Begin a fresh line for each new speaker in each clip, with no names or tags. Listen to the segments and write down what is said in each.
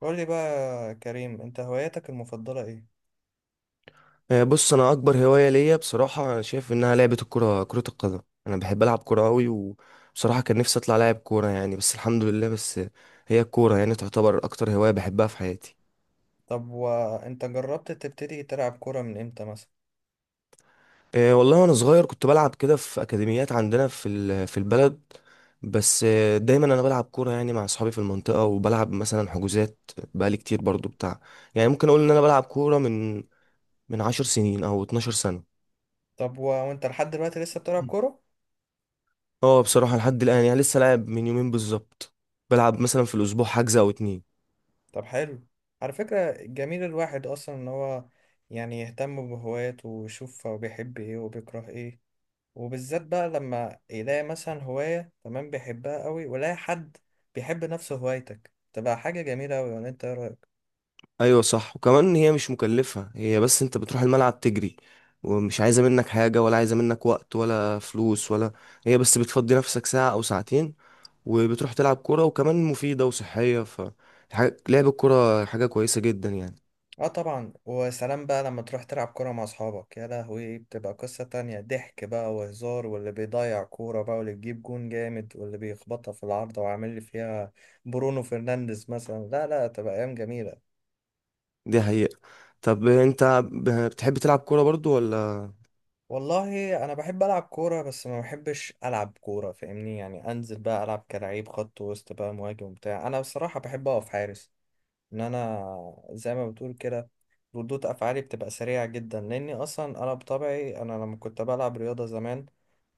قول لي بقى يا كريم، انت هواياتك المفضلة ايه؟
بص انا اكبر هوايه ليا بصراحه انا شايف انها لعبه الكره كره القدم. انا بحب العب كوره قوي، وبصراحه كان نفسي اطلع لاعب كوره يعني، بس الحمد لله. بس هي الكوره يعني تعتبر اكتر هوايه بحبها في حياتي.
طب وانت جربت تبتدي تلعب كورة من امتى مثلا؟
والله وانا صغير كنت بلعب كده في اكاديميات عندنا في البلد. بس دايما انا بلعب كوره يعني مع اصحابي في المنطقه، وبلعب مثلا حجوزات بقالي كتير برضو بتاع. يعني ممكن اقول ان انا بلعب كوره من 10 سنين او 12 سنه.
طب وانت لحد دلوقتي لسه بتلعب كورة؟
اه بصراحة لحد الآن يعني لسه لاعب، من يومين بالظبط بلعب مثلا في الأسبوع حجز أو اتنين.
طب حلو. على فكرة جميل الواحد اصلا ان هو يهتم بهواياته ويشوف هو بيحب ايه وبيكره ايه، وبالذات بقى لما يلاقي مثلا هواية تمام بيحبها قوي ويلاقي حد بيحب نفس هوايتك، تبقى حاجة جميلة قوي. ولا انت ايه رأيك؟
أيوة صح، وكمان هي مش مكلفة، هي بس أنت بتروح الملعب تجري، ومش عايزة منك حاجة، ولا عايزة منك وقت ولا فلوس، ولا هي بس بتفضي نفسك ساعة أو ساعتين وبتروح تلعب كورة، وكمان مفيدة وصحية. ف لعب الكورة حاجة كويسة جدا يعني.
اه طبعا. وسلام بقى لما تروح تلعب كورة مع اصحابك، يا لهوي بتبقى قصة تانية. ضحك بقى وهزار، واللي بيضيع كورة بقى، واللي بيجيب جون جامد، واللي بيخبطها في العارضة وعامل لي فيها برونو فرنانديز مثلا. لا لا، تبقى ايام جميلة.
دي حقيقة. طب أنت بتحب تلعب كورة برضو ولا؟
والله انا بحب العب كورة، بس ما بحبش العب كورة فاهمني، يعني انزل بقى العب كلاعب خط وسط بقى مهاجم بتاع. انا بصراحة بحب اقف حارس. ان انا زي ما بتقول كده ردود افعالي بتبقى سريعة جدا، لاني اصلا انا بطبعي انا لما كنت بلعب رياضة زمان،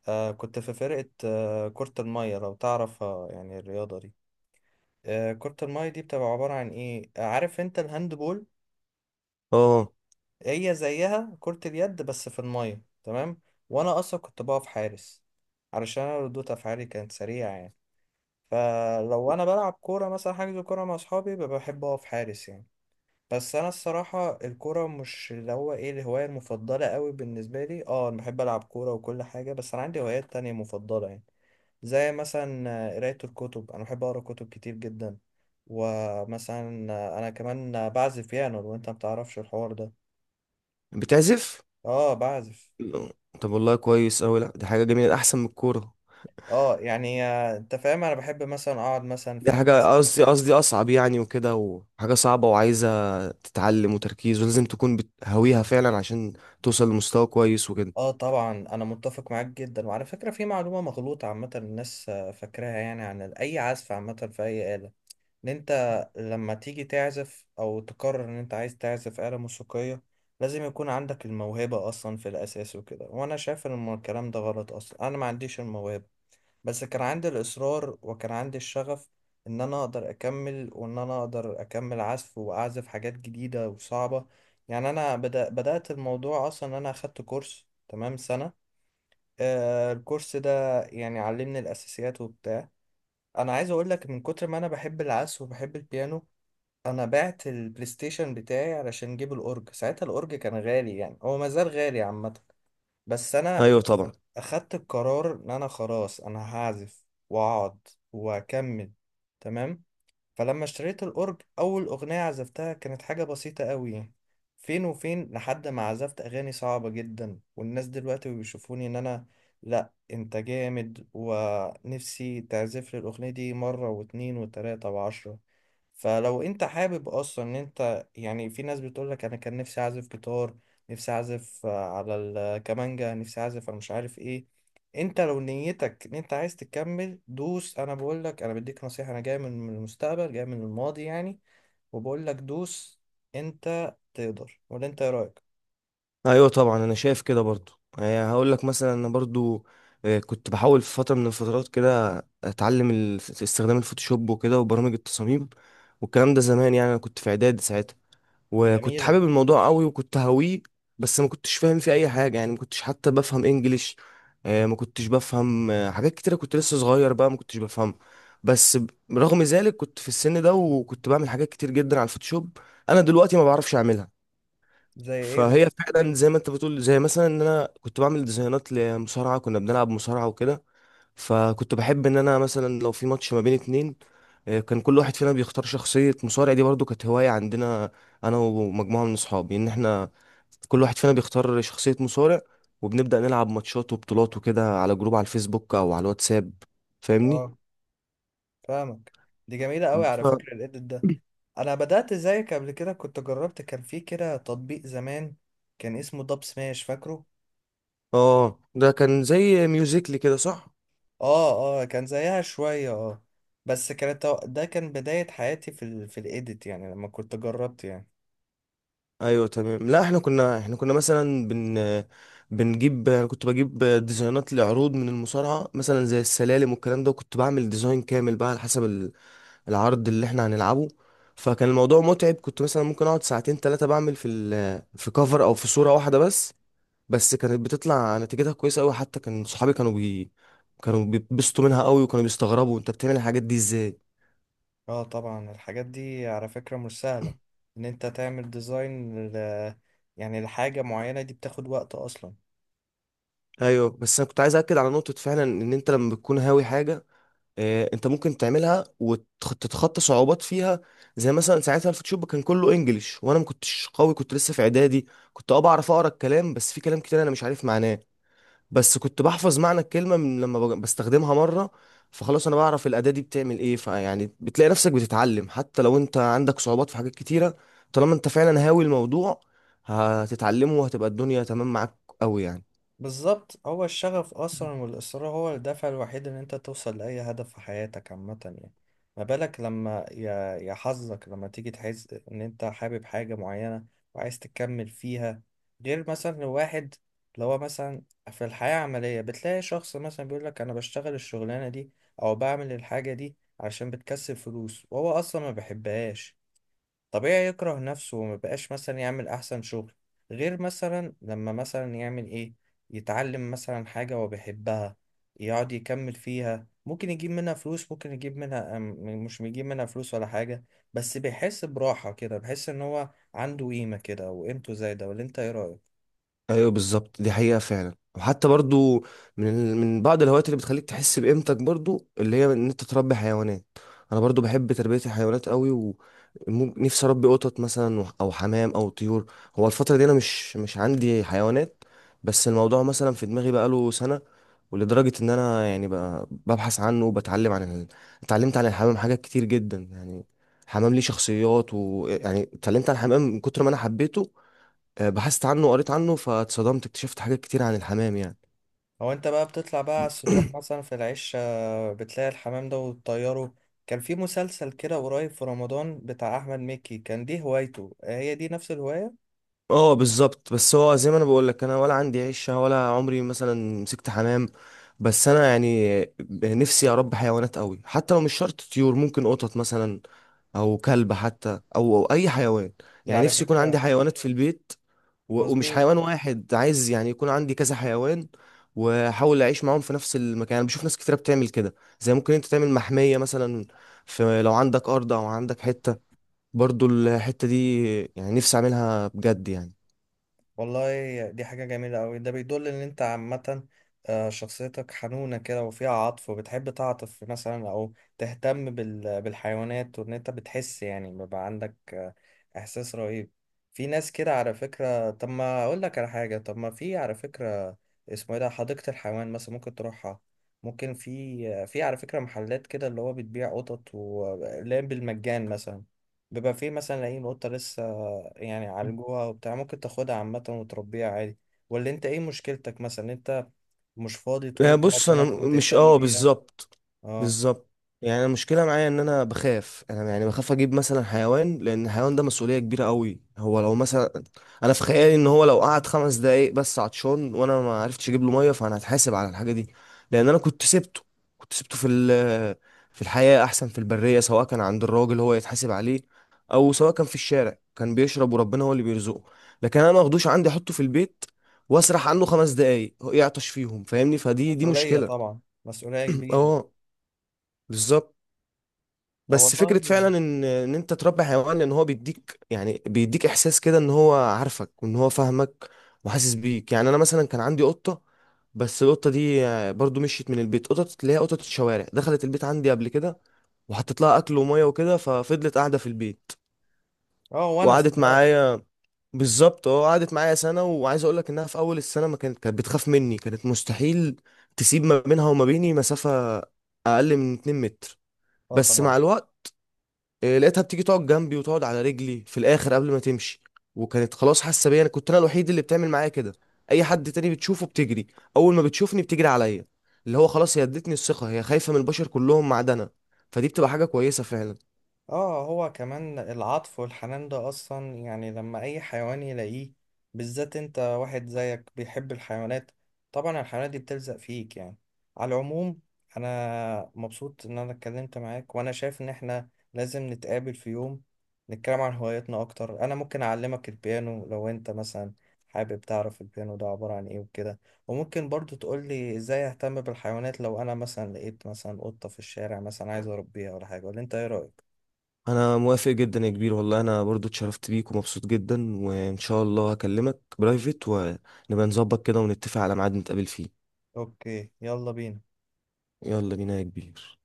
كنت في فرقة كرة المية، لو تعرفها يعني الرياضة دي. كرة المية دي بتبقى عبارة عن إيه آه، عارف أنت الهاندبول؟
اه
هي زيها، كرة اليد بس في المية، تمام. وأنا أصلا كنت بقف حارس علشان أنا ردود أفعالي كانت سريعة يعني. فلو أنا بلعب كورة مثلا، حاجز كورة مع أصحابي، ببقى بحب أقف حارس يعني. بس انا الصراحه الكوره مش اللي هو ايه الهوايه المفضله قوي بالنسبه لي. اه انا بحب العب كوره وكل حاجه، بس انا عندي هوايات تانية مفضله يعني. زي مثلا قرايه الكتب، انا بحب اقرا كتب كتير جدا. ومثلا انا كمان بعزف بيانو، لو انت بتعرفش الحوار ده.
بتعزف؟
اه بعزف.
لا. طب والله كويس أوي، لأ دي حاجة جميلة أحسن من الكورة.
اه يعني انت فاهم، انا بحب مثلا اقعد مثلا
دي
فاهم
حاجة قصدي أصعب يعني وكده، وحاجة صعبة وعايزة تتعلم وتركيز، ولازم تكون بتهويها فعلا عشان توصل لمستوى كويس وكده.
اه طبعا انا متفق معاك جدا. وعلى فكره في معلومه مغلوطه عامه الناس فاكراها، يعني عن اي عزف عامه في اي آلة، ان انت لما تيجي تعزف او تقرر ان انت عايز تعزف آلة موسيقية لازم يكون عندك الموهبة اصلا في الاساس وكده. وانا شايف ان الكلام ده غلط. اصلا انا ما عنديش الموهبة، بس كان عندي الاصرار وكان عندي الشغف ان انا اقدر اكمل، وان انا اقدر اكمل عزف واعزف حاجات جديدة وصعبة يعني. انا بدأت الموضوع اصلا ان انا اخدت كورس تمام سنة. الكورس ده يعني علمني الاساسيات وبتاع. انا عايز اقول لك من كتر ما انا بحب العزف وبحب البيانو، انا بعت البلاي ستيشن بتاعي علشان جيب الاورج. ساعتها الاورج كان غالي، يعني هو ما زال غالي عامه، بس انا
أيوة طبعا.
اخدت القرار ان انا خلاص انا هعزف واقعد واكمل. تمام. فلما اشتريت الأورج أول أغنية عزفتها كانت حاجة بسيطة قوي. فين وفين لحد ما عزفت أغاني صعبة جدا، والناس دلوقتي بيشوفوني إن أنا لأ أنت جامد، ونفسي تعزف لي الأغنية دي مرة واتنين وتلاتة وعشرة. فلو أنت حابب أصلا إن أنت، يعني في ناس بتقولك أنا كان نفسي أعزف جيتار، نفسي أعزف على الكمانجا، نفسي أعزف أنا مش عارف إيه، انت لو نيتك ان انت عايز تكمل دوس. انا بقول لك، انا بديك نصيحة، انا جاي من المستقبل، جاي من الماضي يعني، وبقول لك دوس. انت تقدر. ولا انت ايه رأيك؟
أيوة طبعا، أنا شايف كده برضو. يعني هقول لك مثلا أنا برضو كنت بحاول في فترة من الفترات كده أتعلم استخدام الفوتوشوب وكده وبرامج التصاميم، والكلام ده زمان يعني. أنا كنت في إعدادي ساعتها، وكنت
جميلة.
حابب الموضوع قوي وكنت هاويه. بس ما كنتش فاهم فيه اي حاجه يعني، ما كنتش حتى بفهم انجليش. ما كنتش بفهم حاجات كتيره، كنت لسه صغير بقى ما كنتش بفهمها. بس رغم ذلك كنت في السن ده وكنت بعمل حاجات كتير جدا على الفوتوشوب، انا دلوقتي ما بعرفش اعملها.
زي ايه
فهي
مثلا؟
فعلا زي ما انت بتقول، زي مثلا ان انا كنت بعمل ديزاينات لمصارعه. كنا بنلعب مصارعه وكده، فكنت بحب ان انا مثلا لو في ماتش ما بين اتنين، كان كل واحد فينا بيختار شخصية مصارع. دي برضو كانت هواية عندنا، انا ومجموعة من اصحابي، ان احنا كل واحد فينا بيختار شخصية مصارع، وبنبدأ نلعب ماتشات وبطولات وكده على جروب على الفيسبوك او على الواتساب. فاهمني.
اه فاهمك. دي جميلة قوي
ف...
على فكرة الإيديت ده. انا بدأت زيك قبل كده، كنت جربت، كان في كده تطبيق زمان كان اسمه داب سماش، فاكره؟
اه ده كان زي ميوزيكلي كده صح.
اه اه، كان زيها شوية اه. بس كانت ده كان بداية حياتي في ال في الإيديت يعني لما كنت جربت يعني.
ايوه تمام. لا احنا كنا مثلا بنجيب. انا كنت بجيب ديزاينات لعروض من المصارعه، مثلا زي السلالم والكلام ده، وكنت بعمل ديزاين كامل بقى على حسب العرض اللي احنا هنلعبه. فكان الموضوع متعب، كنت مثلا ممكن اقعد ساعتين ثلاثه بعمل في كفر او في صوره واحده بس. بس كانت بتطلع نتيجتها كويسه قوي، حتى كان صحابي كانوا بيتبسطوا منها قوي، وكانوا بيستغربوا انت بتعمل الحاجات دي ازاي.
اه طبعا، الحاجات دي على فكرة مش سهلة، ان انت تعمل ديزاين يعني لحاجة معينة، دي بتاخد وقت اصلا.
ايوه بس انا كنت عايز اكد على نقطه فعلا، ان انت لما بتكون هاوي حاجه انت ممكن تعملها وتتخطى صعوبات فيها. زي مثلا ساعتها الفوتوشوب كان كله انجليش، وانا ما كنتش قوي، كنت لسه في اعدادي. كنت اه بعرف اقرا الكلام، بس في كلام كتير انا مش عارف معناه. بس كنت بحفظ معنى الكلمه من لما بستخدمها مره، فخلاص انا بعرف الاداه دي بتعمل ايه. فيعني بتلاقي نفسك بتتعلم حتى لو انت عندك صعوبات في حاجات كتيره، طالما انت فعلا هاوي الموضوع هتتعلمه، وهتبقى الدنيا تمام معاك قوي يعني.
بالظبط، هو الشغف اصلا والاصرار هو الدافع الوحيد ان انت توصل لاي هدف في حياتك عامه يعني. ما بالك لما يا حظك لما تيجي تحس ان انت حابب حاجه معينه وعايز تكمل فيها. غير مثلا واحد اللي هو مثلا في الحياه العمليه بتلاقي شخص مثلا بيقول لك انا بشتغل الشغلانه دي او بعمل الحاجه دي عشان بتكسب فلوس، وهو اصلا ما بيحبهاش. طبيعي يكره نفسه وما بقاش مثلا يعمل احسن شغل. غير مثلا لما مثلا يعمل ايه، يتعلم مثلا حاجة هو بيحبها، يقعد يكمل فيها، ممكن يجيب منها فلوس، ممكن يجيب منها مش بيجيب منها فلوس ولا حاجة، بس بيحس براحة كده، بيحس ان هو عنده قيمة كده وقيمته زايدة. ولا انت ايه رأيك؟
ايوه بالظبط، دي حقيقة فعلا. وحتى برضو، من بعض الهوايات اللي بتخليك تحس بقيمتك برضو، اللي هي ان انت تربي حيوانات. انا برضو بحب تربية الحيوانات قوي، ونفسي اربي قطط مثلا او حمام او طيور. هو الفترة دي انا مش عندي حيوانات، بس الموضوع مثلا في دماغي بقاله سنة. ولدرجة ان انا يعني بقى ببحث عنه وبتعلم اتعلمت عن الحمام حاجات كتير جدا يعني. الحمام ليه شخصيات، ويعني اتعلمت عن الحمام من كتر ما انا حبيته. بحثت عنه وقريت عنه، فاتصدمت، اكتشفت حاجات كتير عن الحمام يعني.
هو انت بقى بتطلع بقى على السطوح مثلا في العش بتلاقي الحمام ده وتطيره؟ كان في مسلسل كده قريب في رمضان بتاع احمد مكي، كان دي هوايته، هي دي نفس الهواية.
اه بالظبط. بس هو زي ما انا بقول لك، انا ولا عندي عشه، ولا عمري مثلا مسكت حمام. بس انا يعني نفسي اربي حيوانات قوي، حتى لو مش شرط طيور، ممكن قطط مثلا او كلب حتى، او اي حيوان.
ده
يعني
على
نفسي يكون
فكرة
عندي حيوانات في البيت، ومش
مظبوط.
حيوان واحد، عايز يعني يكون عندي كذا حيوان، واحاول اعيش معاهم في نفس المكان. انا بشوف ناس كتيره بتعمل كده، زي ممكن انت تعمل محميه مثلا في لو عندك ارض او عندك حته. برضو الحتة دي يعني نفسي أعملها بجد يعني.
والله دي حاجة جميلة أوي، ده بيدل إن أنت عامة شخصيتك حنونة كده وفيها عطف، وبتحب تعطف مثلا أو تهتم بالحيوانات، وإن أنت بتحس يعني بيبقى عندك إحساس رهيب. في ناس كده على فكرة. طب ما أقول لك على حاجة، طب ما في على فكرة، اسمه إيه ده، حديقة الحيوان مثلا ممكن تروحها. ممكن في في على فكرة محلات كده اللي هو بتبيع قطط، ولا بالمجان مثلا بيبقى في مثلا لاقيين قطة لسه يعني عالجوها وبتاع، ممكن تاخدها عامة وتربيها عادي. ولا انت ايه مشكلتك، مثلا انت مش فاضي طول الوقت
بص انا
مثلا
مش
تهتم
اه
بيها؟
بالظبط.
اه
بالظبط. يعني أنا المشكله معايا ان انا بخاف، انا يعني بخاف اجيب مثلا حيوان، لان الحيوان ده مسؤوليه كبيره قوي. هو لو مثلا، انا في خيالي ان هو لو قعد خمس دقايق بس عطشان وانا ما عرفتش اجيب له ميه، فانا هتحاسب على الحاجه دي، لان انا كنت سبته. كنت سبته في الحياه احسن، في البريه، سواء كان عند الراجل هو يتحاسب عليه، او سواء كان في الشارع، كان بيشرب وربنا هو اللي بيرزقه. لكن انا ما اخدوش عندي احطه في البيت، واسرح عنه خمس دقايق هو يعطش فيهم، فاهمني؟ فدي دي
مسؤولية
مشكلة.
طبعا، مسؤولية كبيرة.
اه بالظبط.
طب
بس فكرة
والله.
فعلا ان ان انت تربي حيوان، لان هو بيديك يعني بيديك احساس كده ان هو عارفك، وان هو فاهمك وحاسس بيك. يعني انا مثلا كان عندي قطة. بس القطة دي برضو مشيت من البيت. قطط اللي هي قطط الشوارع، دخلت البيت عندي قبل كده، وحطيت لها اكل وميه وكده، ففضلت قاعدة في البيت،
اه ونس
وقعدت
خلاص.
معايا. بالظبط، اه قعدت معايا سنة. وعايز اقول لك انها في اول السنة ما كانت، كانت بتخاف مني، كانت مستحيل تسيب ما بينها وما بيني مسافة اقل من 2 متر.
اه
بس
طبعا.
مع الوقت لقيتها بتيجي تقعد جنبي، وتقعد على رجلي في الاخر قبل ما تمشي. وكانت خلاص حاسة بيا، انا كنت انا الوحيد اللي بتعمل معايا كده. اي حد تاني بتشوفه بتجري، اول ما بتشوفني بتجري عليا. اللي هو خلاص هي ادتني الثقة، هي خايفة من البشر كلهم ما عدا انا. فدي بتبقى حاجة كويسة فعلا.
اه هو كمان العطف والحنان ده اصلا، يعني لما اي حيوان يلاقيه، بالذات انت واحد زيك بيحب الحيوانات، طبعا الحيوانات دي بتلزق فيك يعني. على العموم، انا مبسوط ان انا اتكلمت معاك، وانا شايف ان احنا لازم نتقابل في يوم نتكلم عن هواياتنا اكتر. انا ممكن اعلمك البيانو لو انت مثلا حابب تعرف البيانو ده عبارة عن ايه وكده، وممكن برضو تقولي ازاي اهتم بالحيوانات لو انا مثلا لقيت مثلا قطة في الشارع مثلا عايز اربيها ولا حاجة. ولا انت ايه رأيك؟
انا موافق جدا يا كبير، والله انا برضو اتشرفت بيك، ومبسوط جدا، وان شاء الله هكلمك برايفت ونبقى نظبط كده ونتفق على ميعاد نتقابل فيه.
اوكي يلا بينا.
يلا بينا يا كبير.